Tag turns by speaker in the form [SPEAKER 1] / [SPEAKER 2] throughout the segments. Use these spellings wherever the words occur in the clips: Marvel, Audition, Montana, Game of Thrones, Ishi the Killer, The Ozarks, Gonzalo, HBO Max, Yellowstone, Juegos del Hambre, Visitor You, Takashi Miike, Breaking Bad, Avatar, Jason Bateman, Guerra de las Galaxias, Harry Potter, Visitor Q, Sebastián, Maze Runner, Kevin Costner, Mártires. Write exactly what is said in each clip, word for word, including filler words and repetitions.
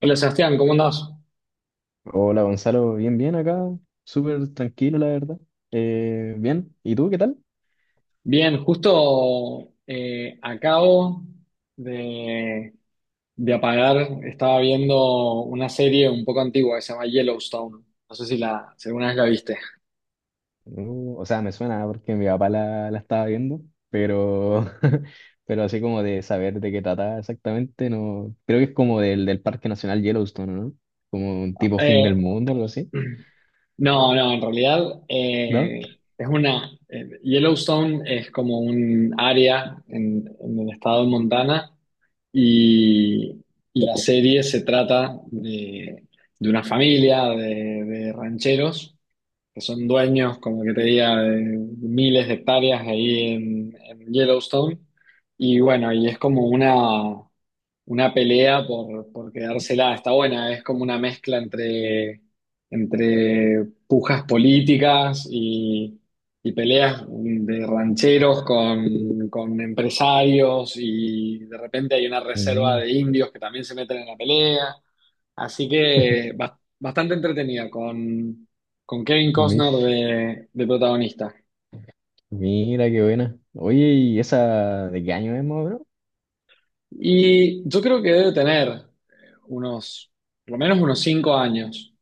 [SPEAKER 1] Hola Sebastián, ¿cómo andás?
[SPEAKER 2] Hola Gonzalo, bien, bien acá, súper tranquilo la verdad. Eh, bien, ¿y tú qué tal?
[SPEAKER 1] Bien, justo eh, acabo de, de apagar, estaba viendo una serie un poco antigua que se llama Yellowstone. No sé si, la, si alguna vez la viste.
[SPEAKER 2] Uh, o sea, me suena porque mi papá la, la estaba viendo, pero, pero así como de saber de qué trataba exactamente, no, creo que es como del, del Parque Nacional Yellowstone, ¿no? Como un tipo fin
[SPEAKER 1] Eh,
[SPEAKER 2] del mundo, algo así,
[SPEAKER 1] no, no, en realidad
[SPEAKER 2] ¿no?
[SPEAKER 1] eh, es una... eh, Yellowstone es como un área en, en el estado de Montana y, y la serie se trata de, de una familia de de rancheros que son dueños, como que te diga, de miles de hectáreas ahí en, en Yellowstone. Y bueno, y es como una, una pelea por, por quedársela, está buena, es como una mezcla entre, entre pujas políticas y, y peleas de rancheros con, con empresarios y de repente hay una reserva
[SPEAKER 2] Mm,
[SPEAKER 1] de indios que también se meten en la pelea. Así que bas- bastante entretenida, con, con Kevin Costner
[SPEAKER 2] mish,
[SPEAKER 1] de, de protagonista.
[SPEAKER 2] mira qué buena. Oye, ¿y esa de qué año es, más o menos?
[SPEAKER 1] Y yo creo que debe tener eh, unos, por lo menos unos cinco años.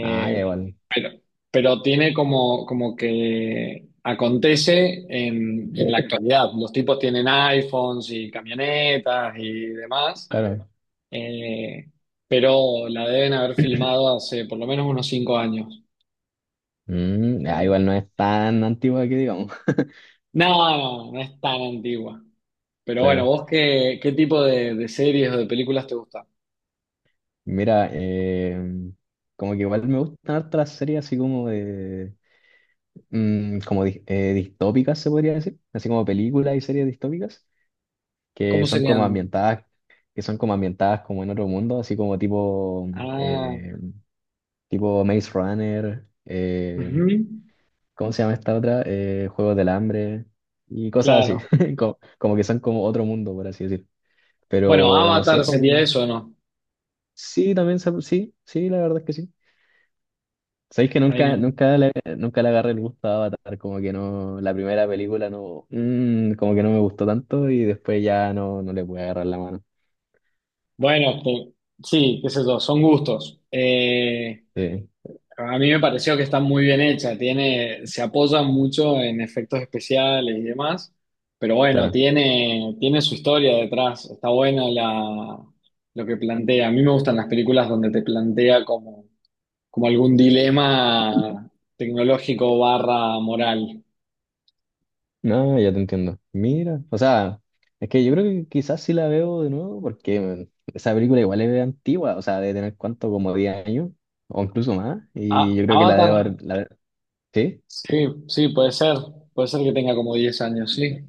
[SPEAKER 2] Ah, ya igual,
[SPEAKER 1] pero, pero tiene como, como que acontece en, en la actualidad. Los tipos tienen iPhones y camionetas y demás.
[SPEAKER 2] claro.
[SPEAKER 1] Eh, pero la deben haber filmado hace por lo menos unos cinco años.
[SPEAKER 2] Mm, ah,
[SPEAKER 1] Eh,
[SPEAKER 2] igual no es tan antigua que digamos,
[SPEAKER 1] No, no, no es tan antigua. Pero bueno,
[SPEAKER 2] claro.
[SPEAKER 1] ¿vos qué, qué tipo de, de series o de películas te gusta?
[SPEAKER 2] Mira, eh, como que igual me gustan hartas las series así como de, mm, como di- eh, distópicas se podría decir, así como películas y series distópicas que
[SPEAKER 1] ¿Cómo
[SPEAKER 2] son como
[SPEAKER 1] serían?
[SPEAKER 2] ambientadas, que son como ambientadas como en otro mundo, así como tipo,
[SPEAKER 1] Ah,
[SPEAKER 2] eh, tipo Maze Runner, eh,
[SPEAKER 1] ujú,
[SPEAKER 2] ¿cómo se llama esta otra? Eh, Juegos del Hambre y cosas así,
[SPEAKER 1] claro.
[SPEAKER 2] como, como que son como otro mundo por así decir.
[SPEAKER 1] Bueno,
[SPEAKER 2] Pero no sé,
[SPEAKER 1] Avatar sería
[SPEAKER 2] como
[SPEAKER 1] eso, ¿o ¿no?
[SPEAKER 2] sí, también se- sí, sí, la verdad es que sí. Sabéis que
[SPEAKER 1] Ahí,
[SPEAKER 2] nunca,
[SPEAKER 1] eh.
[SPEAKER 2] nunca le, nunca le agarré el gusto a Avatar, como que no, la primera película no, mm, como que no me gustó tanto y después ya no, no le pude agarrar la mano.
[SPEAKER 1] Bueno, que- sí, qué sé yo, son gustos. Eh,
[SPEAKER 2] Sí,
[SPEAKER 1] A mí me pareció que está muy bien hecha, tiene, se apoya mucho en efectos especiales y demás, pero bueno,
[SPEAKER 2] claro.
[SPEAKER 1] tiene, tiene su historia detrás, está buena la, lo que plantea. A mí me gustan las películas donde te plantea como, como algún dilema tecnológico barra moral.
[SPEAKER 2] No, ya te entiendo. Mira, o sea, es que yo creo que quizás sí la veo de nuevo porque mm, esa película igual es antigua, o sea, debe tener cuánto, como diez años o incluso más, y
[SPEAKER 1] Ah,
[SPEAKER 2] yo creo que la debo
[SPEAKER 1] Avatar,
[SPEAKER 2] haber, la, ¿sí?
[SPEAKER 1] sí, sí, puede ser, puede ser que tenga como diez años, sí,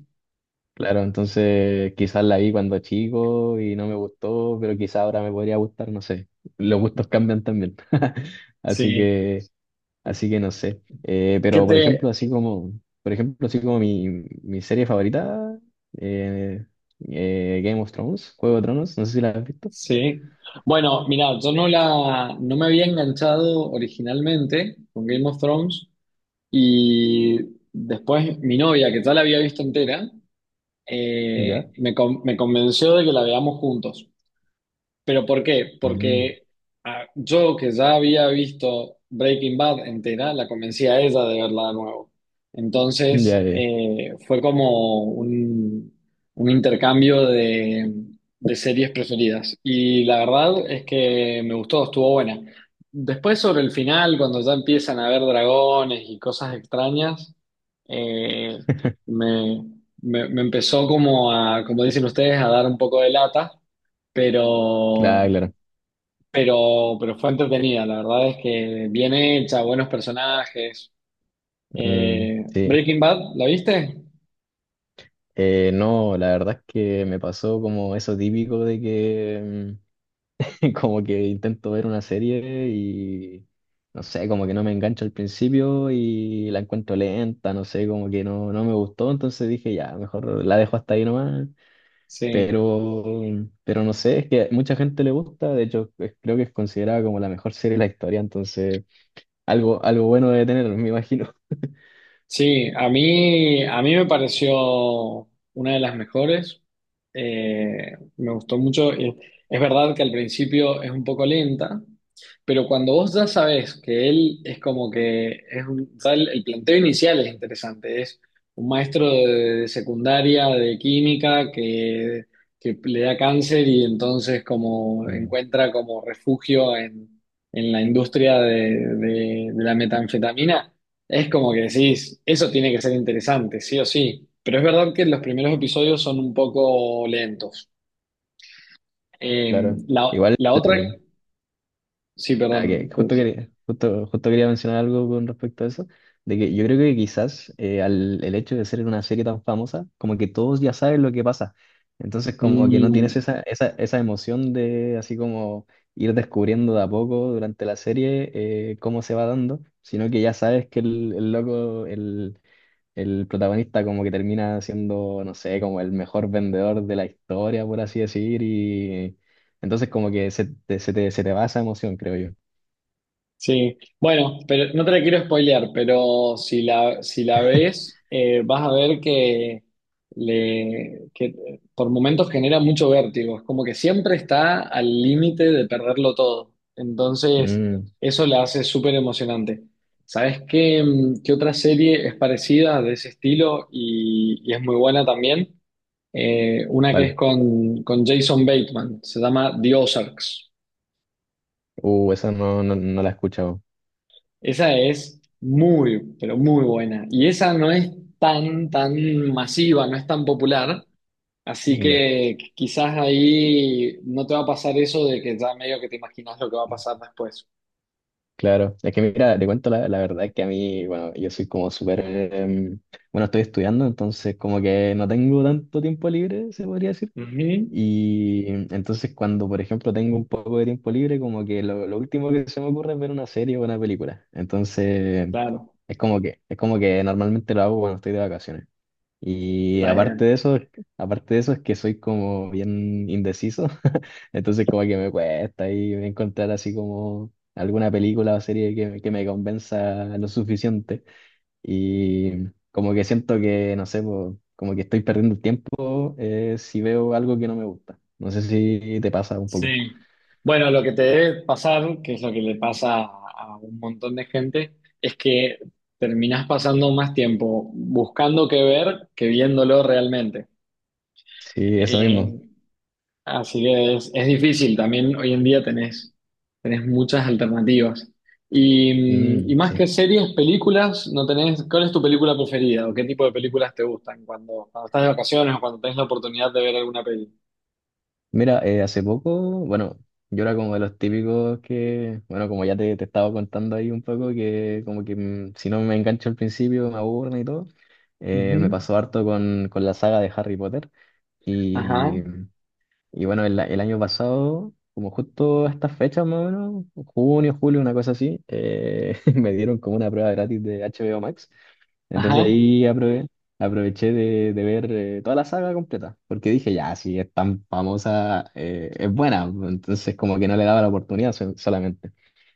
[SPEAKER 2] Claro, entonces quizás la vi cuando chico y no me gustó, pero quizás ahora me podría gustar, no sé. Los gustos cambian también. Así
[SPEAKER 1] sí.
[SPEAKER 2] que, así que no sé. Eh,
[SPEAKER 1] ¿Qué
[SPEAKER 2] pero por ejemplo,
[SPEAKER 1] te,
[SPEAKER 2] así como, por ejemplo, así como mi, mi serie favorita, eh, eh, Game of Thrones, Juego de Tronos, no sé si la has visto.
[SPEAKER 1] Sí. Bueno, mira, yo no la, no me había enganchado originalmente con Game of Thrones y después mi novia, que ya la había visto entera, eh,
[SPEAKER 2] Ya.
[SPEAKER 1] me, con- me convenció de que la veamos juntos. ¿Pero por qué?
[SPEAKER 2] Mm,
[SPEAKER 1] Porque ah, yo que ya había visto Breaking Bad entera, la convencí a ella de verla de nuevo.
[SPEAKER 2] ya,
[SPEAKER 1] Entonces
[SPEAKER 2] ya.
[SPEAKER 1] eh, fue como un, un intercambio de, de series preferidas. Y la verdad es que me gustó, estuvo buena. Después sobre el final, cuando ya empiezan a ver dragones y cosas extrañas, eh, me, me me empezó como a, como dicen ustedes, a dar un poco de lata
[SPEAKER 2] Claro,
[SPEAKER 1] pero,
[SPEAKER 2] claro.
[SPEAKER 1] pero, pero fue entretenida. La verdad es que bien hecha, buenos personajes.
[SPEAKER 2] Mm,
[SPEAKER 1] Eh,
[SPEAKER 2] sí.
[SPEAKER 1] Breaking Bad, ¿la viste?
[SPEAKER 2] Eh, no, la verdad es que me pasó como eso típico de que mm, como que intento ver una serie y no sé, como que no me engancho al principio y la encuentro lenta, no sé, como que no, no me gustó, entonces dije ya, mejor la dejo hasta ahí nomás.
[SPEAKER 1] Sí.
[SPEAKER 2] Pero, pero no sé, es que mucha gente le gusta, de hecho es- creo que es considerada como la mejor serie de la historia, entonces algo, algo bueno debe tener, me imagino.
[SPEAKER 1] Sí, a mí, a mí me pareció una de las mejores. Eh, me gustó mucho. Eh, Es verdad que al principio es un poco lenta, pero cuando vos ya sabés que él es como que es un, ya el, el planteo inicial es interesante. Es un maestro de, de secundaria de química que, que le da cáncer y entonces como
[SPEAKER 2] Mm,
[SPEAKER 1] encuentra como refugio en, en la industria de de- de la metanfetamina. Es como que decís, eso tiene que ser interesante, sí o sí. Pero es verdad que los primeros episodios son un poco lentos. Eh,
[SPEAKER 2] claro.
[SPEAKER 1] la,
[SPEAKER 2] Igual.
[SPEAKER 1] la otra, sí,
[SPEAKER 2] Ah, que
[SPEAKER 1] perdón.
[SPEAKER 2] justo
[SPEAKER 1] que-
[SPEAKER 2] quería, justo, justo quería mencionar algo con respecto a eso, de que yo creo que quizás eh, al, el hecho de ser una serie tan famosa, como que todos ya saben lo que pasa, entonces como que no
[SPEAKER 1] Mm.
[SPEAKER 2] tienes esa, esa, esa emoción de así como ir descubriendo de a poco durante la serie eh, cómo se va dando, sino que ya sabes que el, el loco, el, el protagonista como que termina siendo, no sé, como el mejor vendedor de la historia, por así decir, y entonces como que se, te- se te, se te va esa emoción, creo yo.
[SPEAKER 1] Sí, bueno, pero no te la quiero spoilear, pero si la, si la ves, eh, vas a ver que, le, que por momentos genera mucho vértigo, es como que siempre está al límite de perderlo todo, entonces
[SPEAKER 2] Mm,
[SPEAKER 1] eso la hace súper emocionante. ¿Sabes qué, mm, qué otra serie es parecida de ese estilo y, y es muy buena también? Eh, una que es
[SPEAKER 2] vale.
[SPEAKER 1] con, con Jason Bateman, se llama The Ozarks.
[SPEAKER 2] Uh, esa no, no, no la he escuchado.
[SPEAKER 1] Esa es muy, pero muy buena. Y esa no es tan, tan masiva, no es tan popular. Así
[SPEAKER 2] Ya,
[SPEAKER 1] que quizás ahí no te va a pasar eso de que ya medio que te imaginas lo que va a pasar después.
[SPEAKER 2] claro. Es que mira, te cuento la, la verdad que a mí, bueno, yo soy como súper, em, bueno, estoy estudiando, entonces como que no tengo tanto tiempo libre, se podría decir.
[SPEAKER 1] Ujú.
[SPEAKER 2] Y em, entonces cuando, por ejemplo, tengo un poco de tiempo libre, como que lo, lo último que se me ocurre es ver una serie o una película. Entonces,
[SPEAKER 1] Claro,
[SPEAKER 2] es como que, es como que normalmente lo hago cuando estoy de vacaciones. Y
[SPEAKER 1] está
[SPEAKER 2] aparte de
[SPEAKER 1] bien.
[SPEAKER 2] eso, aparte de eso es que soy como bien indeciso, entonces como que me cuesta ahí encontrar así como alguna película o serie que, me- que me convenza lo suficiente. Y como que siento que, no sé, po, como que estoy perdiendo el tiempo eh, si veo algo que no me gusta. No sé si te pasa un poco.
[SPEAKER 1] Sí. Bueno, lo que te debe pasar, que es lo que le pasa a a un montón de gente, es que terminás pasando más tiempo buscando qué ver que viéndolo realmente.
[SPEAKER 2] Sí, eso mismo.
[SPEAKER 1] Eh, Así que es, es difícil también hoy en día tenés, tenés muchas alternativas. Y, mm, y
[SPEAKER 2] Mm,
[SPEAKER 1] más que
[SPEAKER 2] sí.
[SPEAKER 1] series, películas, no tenés, ¿cuál es tu película preferida o qué tipo de películas te gustan cuando, cuando estás de vacaciones o cuando tenés la oportunidad de ver alguna peli?
[SPEAKER 2] Mira, eh, hace poco, bueno, yo era como de los típicos que, bueno, como ya te, te estaba contando ahí un poco, que como que mm, si no me engancho al principio me aburren y todo, eh, me
[SPEAKER 1] Ujú.
[SPEAKER 2] pasó harto con, con la saga de Harry Potter.
[SPEAKER 1] Ajá,
[SPEAKER 2] Y, y bueno, el, el año pasado, como justo a estas fechas más o menos, junio, julio, una cosa así, eh, me dieron como una prueba gratis de H B O Max. Entonces
[SPEAKER 1] ajá.
[SPEAKER 2] ahí aprove- aproveché de, de ver eh, toda la saga completa, porque dije, ya, si es tan famosa, eh, es buena, entonces como que no le daba la oportunidad sol- solamente.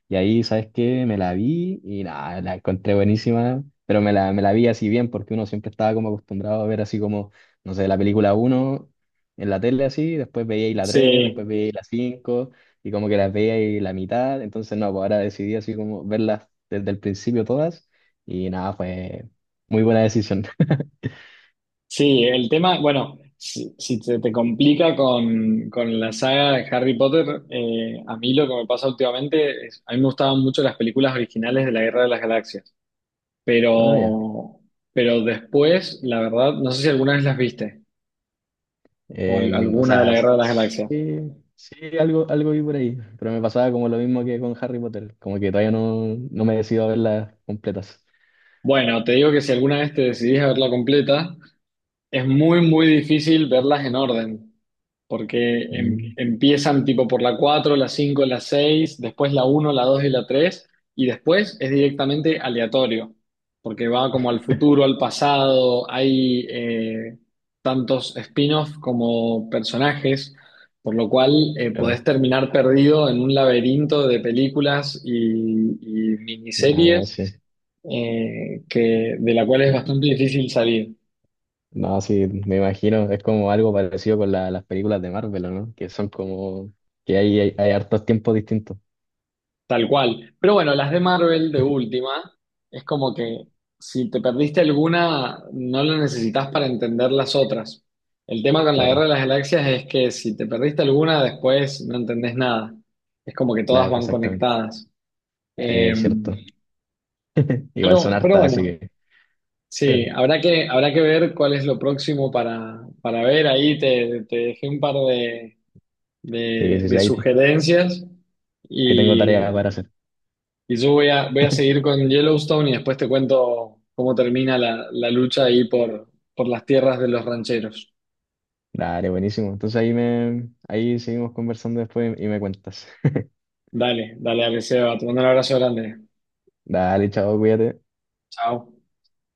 [SPEAKER 2] Y ahí, ¿sabes qué? Me la vi y nada, la encontré buenísima, pero me la, me la vi así bien porque uno siempre estaba como acostumbrado a ver así como, no sé, la película uno en la tele así, después veía y la tres después
[SPEAKER 1] Sí,
[SPEAKER 2] veía y la cinco y como que las veía y la mitad, entonces no, pues ahora decidí así como verlas desde el principio todas y nada, fue muy buena decisión.
[SPEAKER 1] sí, el tema, bueno, si, si se te complica con, con la saga de Harry Potter, eh, a mí lo que me pasa últimamente es, a mí me gustaban mucho las películas originales de la Guerra de las Galaxias.
[SPEAKER 2] Ah, ya.
[SPEAKER 1] Pero, pero después, la verdad, no sé si alguna vez las viste, o al-
[SPEAKER 2] En- o
[SPEAKER 1] alguna de la
[SPEAKER 2] sea,
[SPEAKER 1] Guerra de las Galaxias.
[SPEAKER 2] sí, sí, algo, algo vi por ahí, pero me pasaba como lo mismo que con Harry Potter, como que todavía no, no me decido a verlas completas.
[SPEAKER 1] Bueno, te digo que si alguna vez te decidís a verla completa, es muy, muy difícil verlas en orden, porque em-
[SPEAKER 2] Mm,
[SPEAKER 1] empiezan tipo por la cuatro, la cinco, la seis, después la uno, la dos y la tres y después es directamente aleatorio, porque va como al futuro, al pasado, hay eh, tantos spin-offs como personajes, por lo cual eh,
[SPEAKER 2] claro,
[SPEAKER 1] podés terminar perdido en un laberinto de películas y, y
[SPEAKER 2] no,
[SPEAKER 1] miniseries
[SPEAKER 2] sí,
[SPEAKER 1] eh, que, de la cual es bastante difícil salir.
[SPEAKER 2] no, sí, me imagino, es como algo parecido con la- las películas de Marvel, ¿o ¿no? Que son como, que hay, hay, hay hartos tiempos distintos,
[SPEAKER 1] Tal cual. Pero bueno, las de Marvel de última, es como que si te perdiste alguna, no la necesitas para entender las otras. El tema con la Guerra
[SPEAKER 2] claro,
[SPEAKER 1] de las Galaxias es que si te perdiste alguna, después no entendés nada. Es como que todas
[SPEAKER 2] claro,
[SPEAKER 1] van
[SPEAKER 2] exactamente,
[SPEAKER 1] conectadas.
[SPEAKER 2] sí,
[SPEAKER 1] Eh,
[SPEAKER 2] es cierto. Igual son
[SPEAKER 1] pero, pero
[SPEAKER 2] hartas, así
[SPEAKER 1] bueno,
[SPEAKER 2] que sí,
[SPEAKER 1] sí, habrá que, habrá que ver cuál es lo próximo para, para ver. Ahí te, te dejé un par de, de
[SPEAKER 2] sí, sí,
[SPEAKER 1] de
[SPEAKER 2] ahí,
[SPEAKER 1] sugerencias.
[SPEAKER 2] ahí tengo
[SPEAKER 1] Y
[SPEAKER 2] tarea para hacer.
[SPEAKER 1] Y yo voy a, voy a seguir con Yellowstone y después te cuento cómo termina la, la lucha ahí por, por las tierras de los rancheros.
[SPEAKER 2] Dale, buenísimo. Entonces ahí me, ahí seguimos conversando después y me cuentas.
[SPEAKER 1] Dale, dale, dale, Seba. Te mando un abrazo grande.
[SPEAKER 2] Dale, chao, cuídate.
[SPEAKER 1] Chao.